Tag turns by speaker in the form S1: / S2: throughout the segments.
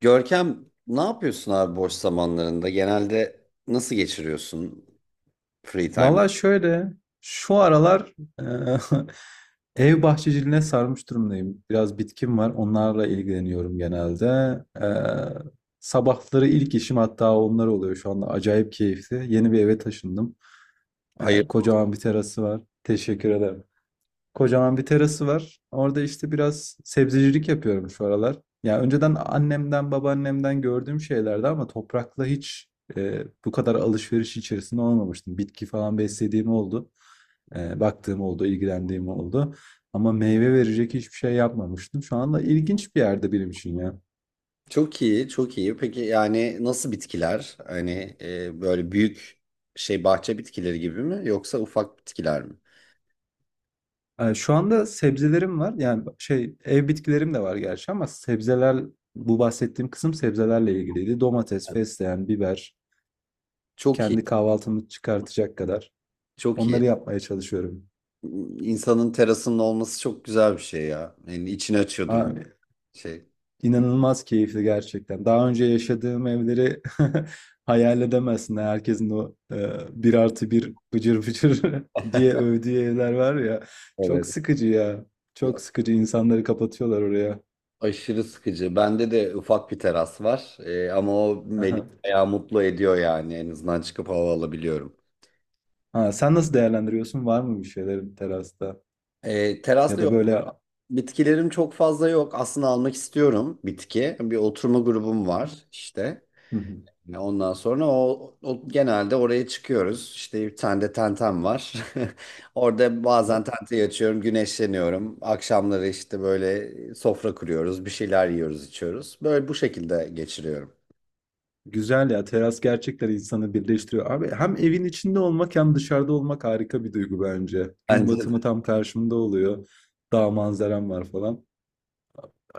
S1: Görkem ne yapıyorsun abi boş zamanlarında? Genelde nasıl geçiriyorsun free time?
S2: Valla şöyle, şu aralar eee, ev bahçeciliğine sarmış durumdayım. Biraz bitkim var, onlarla ilgileniyorum genelde. Sabahları ilk işim hatta onlar oluyor şu anda. Acayip keyifli. Yeni bir eve taşındım.
S1: Hayır.
S2: Kocaman bir terası var. Teşekkür ederim. Kocaman bir terası var. Orada işte biraz sebzecilik yapıyorum şu aralar. Ya önceden annemden, babaannemden gördüğüm şeylerdi ama toprakla hiç bu kadar alışveriş içerisinde olmamıştım. Bitki falan beslediğim oldu. Baktığım oldu, ilgilendiğim oldu. Ama meyve verecek hiçbir şey yapmamıştım. Şu anda ilginç bir yerde benim için ya.
S1: Çok iyi, çok iyi. Peki yani nasıl bitkiler? Hani böyle büyük şey bahçe bitkileri gibi mi yoksa ufak bitkiler mi?
S2: Şu anda sebzelerim var. Yani şey ev bitkilerim de var gerçi ama sebzeler bu bahsettiğim kısım sebzelerle ilgiliydi. Domates, fesleğen, biber,
S1: Çok iyi,
S2: kendi kahvaltımı çıkartacak kadar.
S1: çok iyi.
S2: Onları yapmaya çalışıyorum.
S1: İnsanın terasının olması çok güzel bir şey ya. Yani içini açıyordur
S2: Ha,
S1: mu şey.
S2: inanılmaz keyifli gerçekten. Daha önce yaşadığım evleri hayal edemezsin. Herkesin o bir artı bir bıcır bıcır diye övdüğü evler var ya. Çok
S1: Evet.
S2: sıkıcı ya. Çok
S1: Ya,
S2: sıkıcı. İnsanları kapatıyorlar oraya.
S1: aşırı sıkıcı. Bende de ufak bir teras var. Ama o beni
S2: Aha.
S1: bayağı mutlu ediyor yani. En azından çıkıp hava alabiliyorum.
S2: Ha, sen nasıl değerlendiriyorsun? Var mı bir şeylerin terasta?
S1: E,
S2: Ya
S1: terasta
S2: da
S1: yok.
S2: böyle...
S1: Bitkilerim çok fazla yok. Aslında almak istiyorum bitki. Bir oturma grubum var işte.
S2: Hı hı.
S1: Ondan sonra genelde oraya çıkıyoruz. İşte bir tane de tentem var. Orada bazen tenteyi açıyorum, güneşleniyorum. Akşamları işte böyle sofra kuruyoruz, bir şeyler yiyoruz, içiyoruz. Böyle bu şekilde geçiriyorum.
S2: Güzel ya teras gerçekten insanı birleştiriyor. Abi hem evin içinde olmak hem dışarıda olmak harika bir duygu bence. Gün
S1: Bence
S2: batımı
S1: de.
S2: tam karşımda oluyor. Dağ manzaram var falan.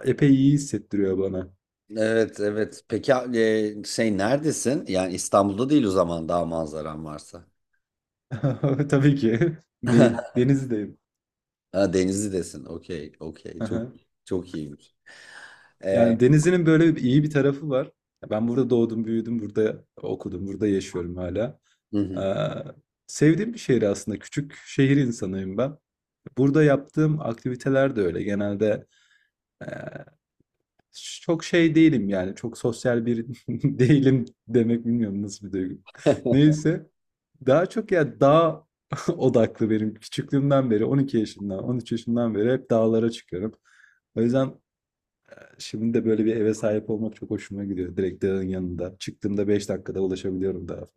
S2: Epey iyi hissettiriyor bana.
S1: Evet, evet. Peki şey neredesin? Yani İstanbul'da değil o zaman daha manzaran varsa.
S2: Tabii ki değil. Denizdeyim.
S1: Ha, Denizli'desin. Okey, okey. Çok
S2: Aha.
S1: çok iyiymiş. Ee,
S2: Yani denizinin böyle bir- iyi bir tarafı var. Ben burada doğdum, büyüdüm, burada okudum, burada yaşıyorum hala.
S1: hı
S2: Ee,
S1: hı.
S2: sevdiğim bir şehir aslında. Küçük şehir insanıyım ben. Burada yaptığım aktiviteler de öyle. Genelde çok şey değilim yani. Çok sosyal bir değilim demek bilmiyorum nasıl bir duygu. Neyse. Daha çok ya dağ odaklı benim. Küçüklüğümden beri 12 yaşından 13 yaşından beri hep dağlara çıkıyorum. O yüzden şimdi de böyle bir eve sahip olmak çok hoşuma gidiyor. Direkt dağın yanında. Çıktığımda beş dakikada ulaşabiliyorum dağa.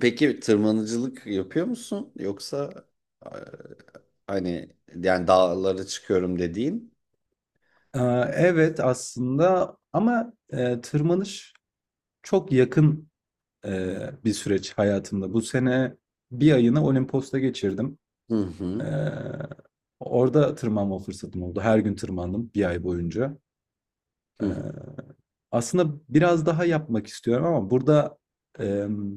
S1: Peki tırmanıcılık yapıyor musun? Yoksa e, hani yani dağlara çıkıyorum dediğin?
S2: Aa, evet aslında ama tırmanış çok yakın e, bir süreç hayatımda. Bu sene bir ayını Olimpos'ta geçirdim.
S1: Hı
S2: Ee,
S1: hı.
S2: orada tırmanma fırsatım oldu. Her gün tırmandım bir ay boyunca.
S1: Hı hı.
S2: Ee, aslında biraz daha yapmak istiyorum ama burada em,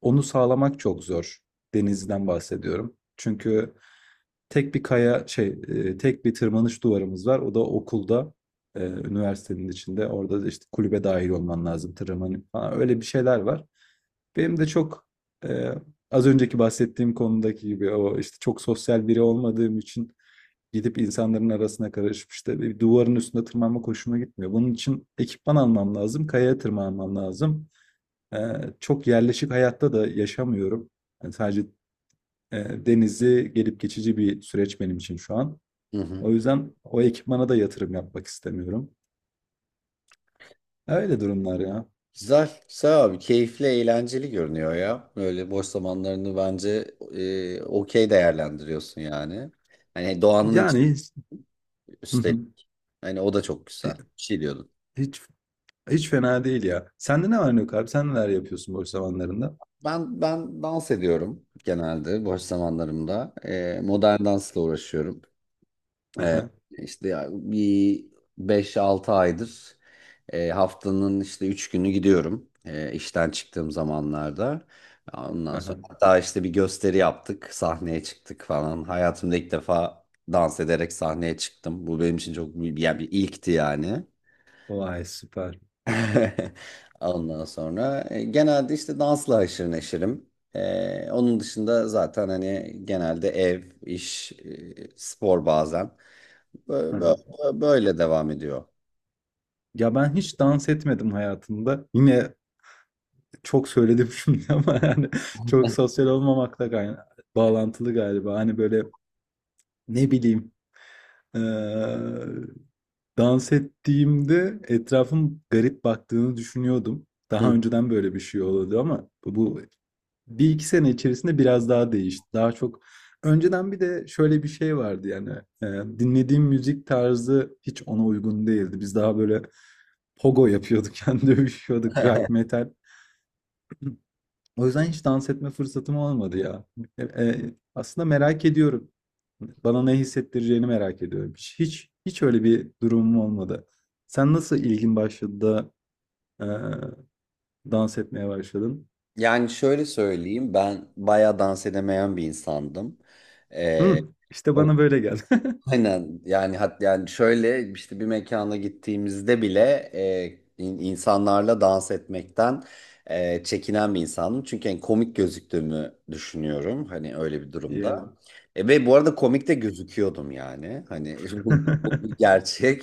S2: onu sağlamak çok zor. Denizden bahsediyorum. Çünkü tek bir kaya şey tek bir tırmanış duvarımız var. O da okulda üniversitenin içinde. Orada da işte kulübe dahil olman lazım tırmanın falan. Öyle bir şeyler var. Benim de çok e, az önceki bahsettiğim konudaki gibi o işte çok sosyal biri olmadığım için gidip insanların arasına karışıp işte bir duvarın üstüne tırmanmak hoşuma gitmiyor. Bunun için ekipman almam lazım, kayaya tırmanmam lazım. Ee, çok yerleşik hayatta da yaşamıyorum. Yani sadece denizi gelip geçici bir süreç benim için şu an.
S1: Hı
S2: O
S1: hı.
S2: yüzden o ekipmana da yatırım yapmak istemiyorum. Öyle durumlar ya.
S1: Güzel, güzel abi. Keyifli, eğlenceli görünüyor ya. Böyle boş zamanlarını bence okey değerlendiriyorsun yani. Hani doğanın içi
S2: Yani hiç,
S1: üstelik. Hani o da çok güzel. Bir şey diyordun.
S2: hiç hiç fena değil ya. Sende ne var ne yok abi? Sen neler yapıyorsun boş zamanlarında?
S1: Ben dans ediyorum genelde boş zamanlarımda. Modern dansla uğraşıyorum. Ee,
S2: Aha,
S1: işte ya bir 5-6 aydır haftanın işte 3 günü gidiyorum işten çıktığım zamanlarda. Ondan sonra
S2: aha.
S1: hatta işte bir gösteri yaptık, sahneye çıktık falan. Hayatımda ilk defa dans ederek sahneye çıktım. Bu benim için çok büyük- yani bir ilkti yani.
S2: Vay süper.
S1: Ondan sonra genelde işte dansla haşır neşirim. Onun dışında zaten hani genelde ev, iş, spor bazen. Bö-
S2: Aha.
S1: Böyle devam ediyor.
S2: Ya ben hiç dans etmedim hayatımda. Yine çok söyledim şimdi ama yani çok sosyal olmamakla gayna- bağlantılı galiba. Hani böyle ne bileyim Eee, dans ettiğimde etrafım garip baktığını düşünüyordum. Daha
S1: Hı.
S2: önceden böyle bir şey oluyordu ama bu bir iki sene içerisinde biraz daha değişti. Daha çok önceden bir de şöyle bir şey vardı yani dinlediğim müzik tarzı hiç ona uygun değildi. Biz daha böyle pogo yapıyorduk, yani dövüşüyorduk, rock metal. O yüzden hiç dans etme fırsatım olmadı ya. Aslında merak ediyorum. Bana ne hissettireceğini merak ediyorum. Hiç öyle bir durumum olmadı. Sen nasıl ilgin başladı da e, dans etmeye başladın?
S1: Yani şöyle söyleyeyim ben bayağı dans edemeyen bir insandım. E,
S2: Hı, işte bana böyle geldi.
S1: Aynen yani yani şöyle işte bir mekana gittiğimizde bile insanlarla dans etmekten çekinen bir insanım. Çünkü en komik gözüktüğümü düşünüyorum hani öyle bir
S2: Yeah.
S1: durumda. Ve bu arada komik de gözüküyordum yani. Hani
S2: Hı
S1: bu bir gerçek.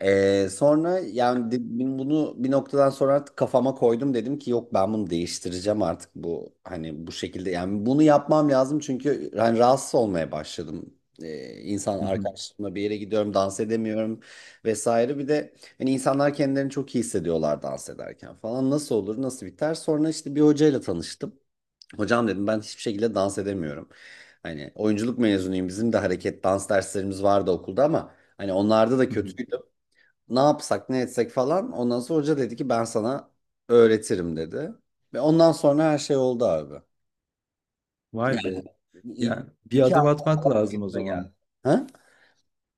S1: Sonra yani bunu bir noktadan sonra artık kafama koydum dedim ki yok ben bunu değiştireceğim artık bu hani bu şekilde yani bunu yapmam lazım çünkü hani rahatsız olmaya başladım. E, insan
S2: hı.
S1: arkadaşlarımla bir yere gidiyorum dans edemiyorum vesaire bir de hani insanlar kendilerini çok iyi hissediyorlar dans ederken falan nasıl olur nasıl biter sonra işte bir hocayla tanıştım. Hocam dedim ben hiçbir şekilde dans edemiyorum. Hani oyunculuk mezunuyum. Bizim de hareket dans derslerimiz vardı okulda ama hani onlarda da
S2: Hı hı.
S1: kötüydüm. Ne yapsak ne etsek falan. Ondan sonra hoca dedi ki ben sana öğretirim dedi. Ve ondan sonra her şey oldu abi.
S2: Vay be.
S1: İ
S2: Yani bir
S1: iki
S2: adım
S1: ay
S2: atmak
S1: falan
S2: lazım o
S1: eğitime geldi.
S2: zaman.
S1: Ha?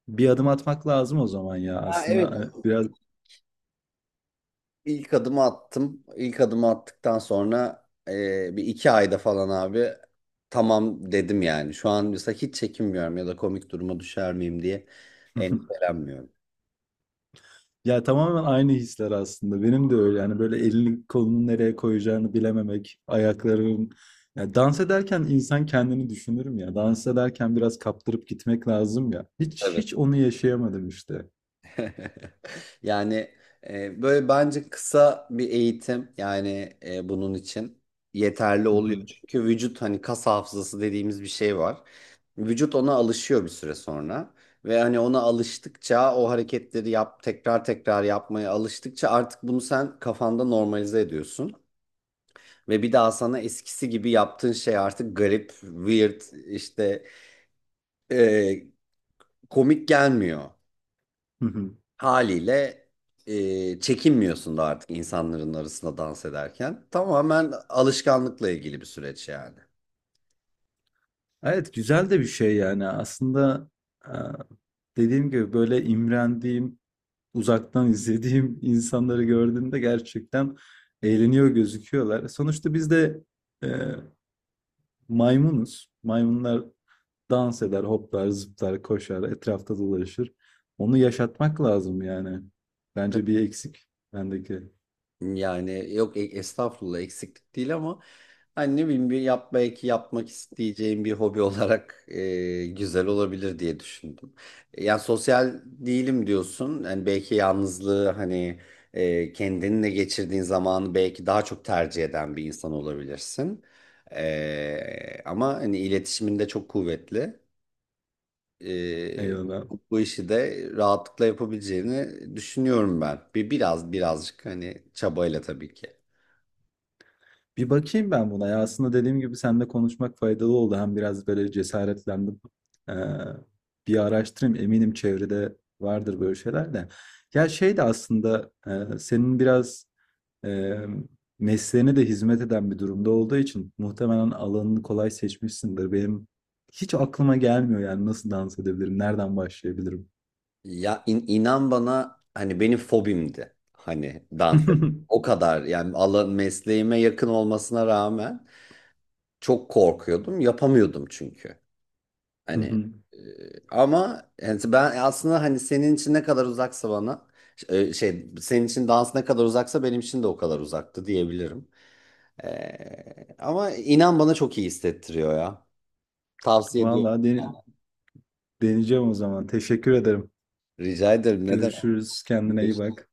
S2: Bir adım atmak lazım o zaman ya
S1: Ha,
S2: aslında
S1: evet.
S2: hani biraz
S1: İlk adımı attım. İlk adımı attıktan sonra 1-2 ayda falan abi tamam dedim yani. Şu an mesela hiç çekinmiyorum ya da komik duruma düşer miyim diye endişelenmiyorum.
S2: ya tamamen aynı hisler aslında benim de öyle yani böyle elini kolunu nereye koyacağını bilememek ayakların ya dans ederken insan kendini düşünürüm ya dans ederken biraz kaptırıp gitmek lazım ya hiç
S1: Evet.
S2: hiç onu yaşayamadım işte.
S1: Yani böyle bence kısa bir eğitim yani bunun için yeterli
S2: Hı
S1: oluyor.
S2: hı,
S1: Çünkü vücut hani kas hafızası dediğimiz bir şey var. Vücut ona alışıyor bir süre sonra ve hani ona alıştıkça o hareketleri yap tekrar tekrar yapmaya alıştıkça artık bunu sen kafanda normalize ediyorsun. Ve bir daha sana eskisi gibi yaptığın şey artık garip, weird, işte e, komik gelmiyor.
S2: hı hı.
S1: Haliyle çekinmiyorsun da artık insanların arasında dans ederken. Tamamen alışkanlıkla ilgili bir süreç yani.
S2: Evet güzel de bir şey yani aslında e, dediğim gibi böyle imrendiğim uzaktan izlediğim insanları gördüğümde gerçekten eğleniyor gözüküyorlar. Sonuçta biz de e, maymunuz. Maymunlar dans eder, hoplar, zıplar, koşar, etrafta dolaşır. Onu yaşatmak lazım yani. Bence bir eksik bendeki.
S1: Yani yok estağfurullah eksiklik değil ama hani ne bileyim bir belki yapmak isteyeceğim bir hobi olarak güzel olabilir diye düşündüm. Yani sosyal değilim diyorsun. Yani belki yalnızlığı hani kendinle geçirdiğin zamanı belki daha çok tercih eden bir insan olabilirsin. Ama hani iletişiminde çok kuvvetli. E,
S2: Eyvallah.
S1: bu işi de rahatlıkla yapabileceğini düşünüyorum ben. Biraz birazcık hani çabayla tabii ki.
S2: Bir bakayım ben buna. Ya aslında dediğim gibi seninle konuşmak faydalı oldu. Hem biraz böyle cesaretlendim. Ee, bir araştırayım. Eminim çevrede vardır böyle şeyler de. Ya şey de aslında senin biraz eee, mesleğine de hizmet eden bir durumda olduğu için muhtemelen alanını kolay seçmişsindir. Benim hiç aklıma gelmiyor yani nasıl dans edebilirim, nereden başlayabilirim?
S1: Ya inan bana hani benim fobimdi hani. O kadar yani alan mesleğime yakın olmasına rağmen çok korkuyordum. Yapamıyordum çünkü. Hani e, ama yani ben aslında hani senin için ne kadar uzaksa bana şey senin için dans ne kadar uzaksa benim için de o kadar uzaktı diyebilirim. Ama inan bana çok iyi hissettiriyor ya. Tavsiye ediyorum.
S2: Vallahi dene- deneyeceğim o zaman. Teşekkür ederim.
S1: Rica ederim. Ne demek?
S2: Görüşürüz. Kendine iyi bak.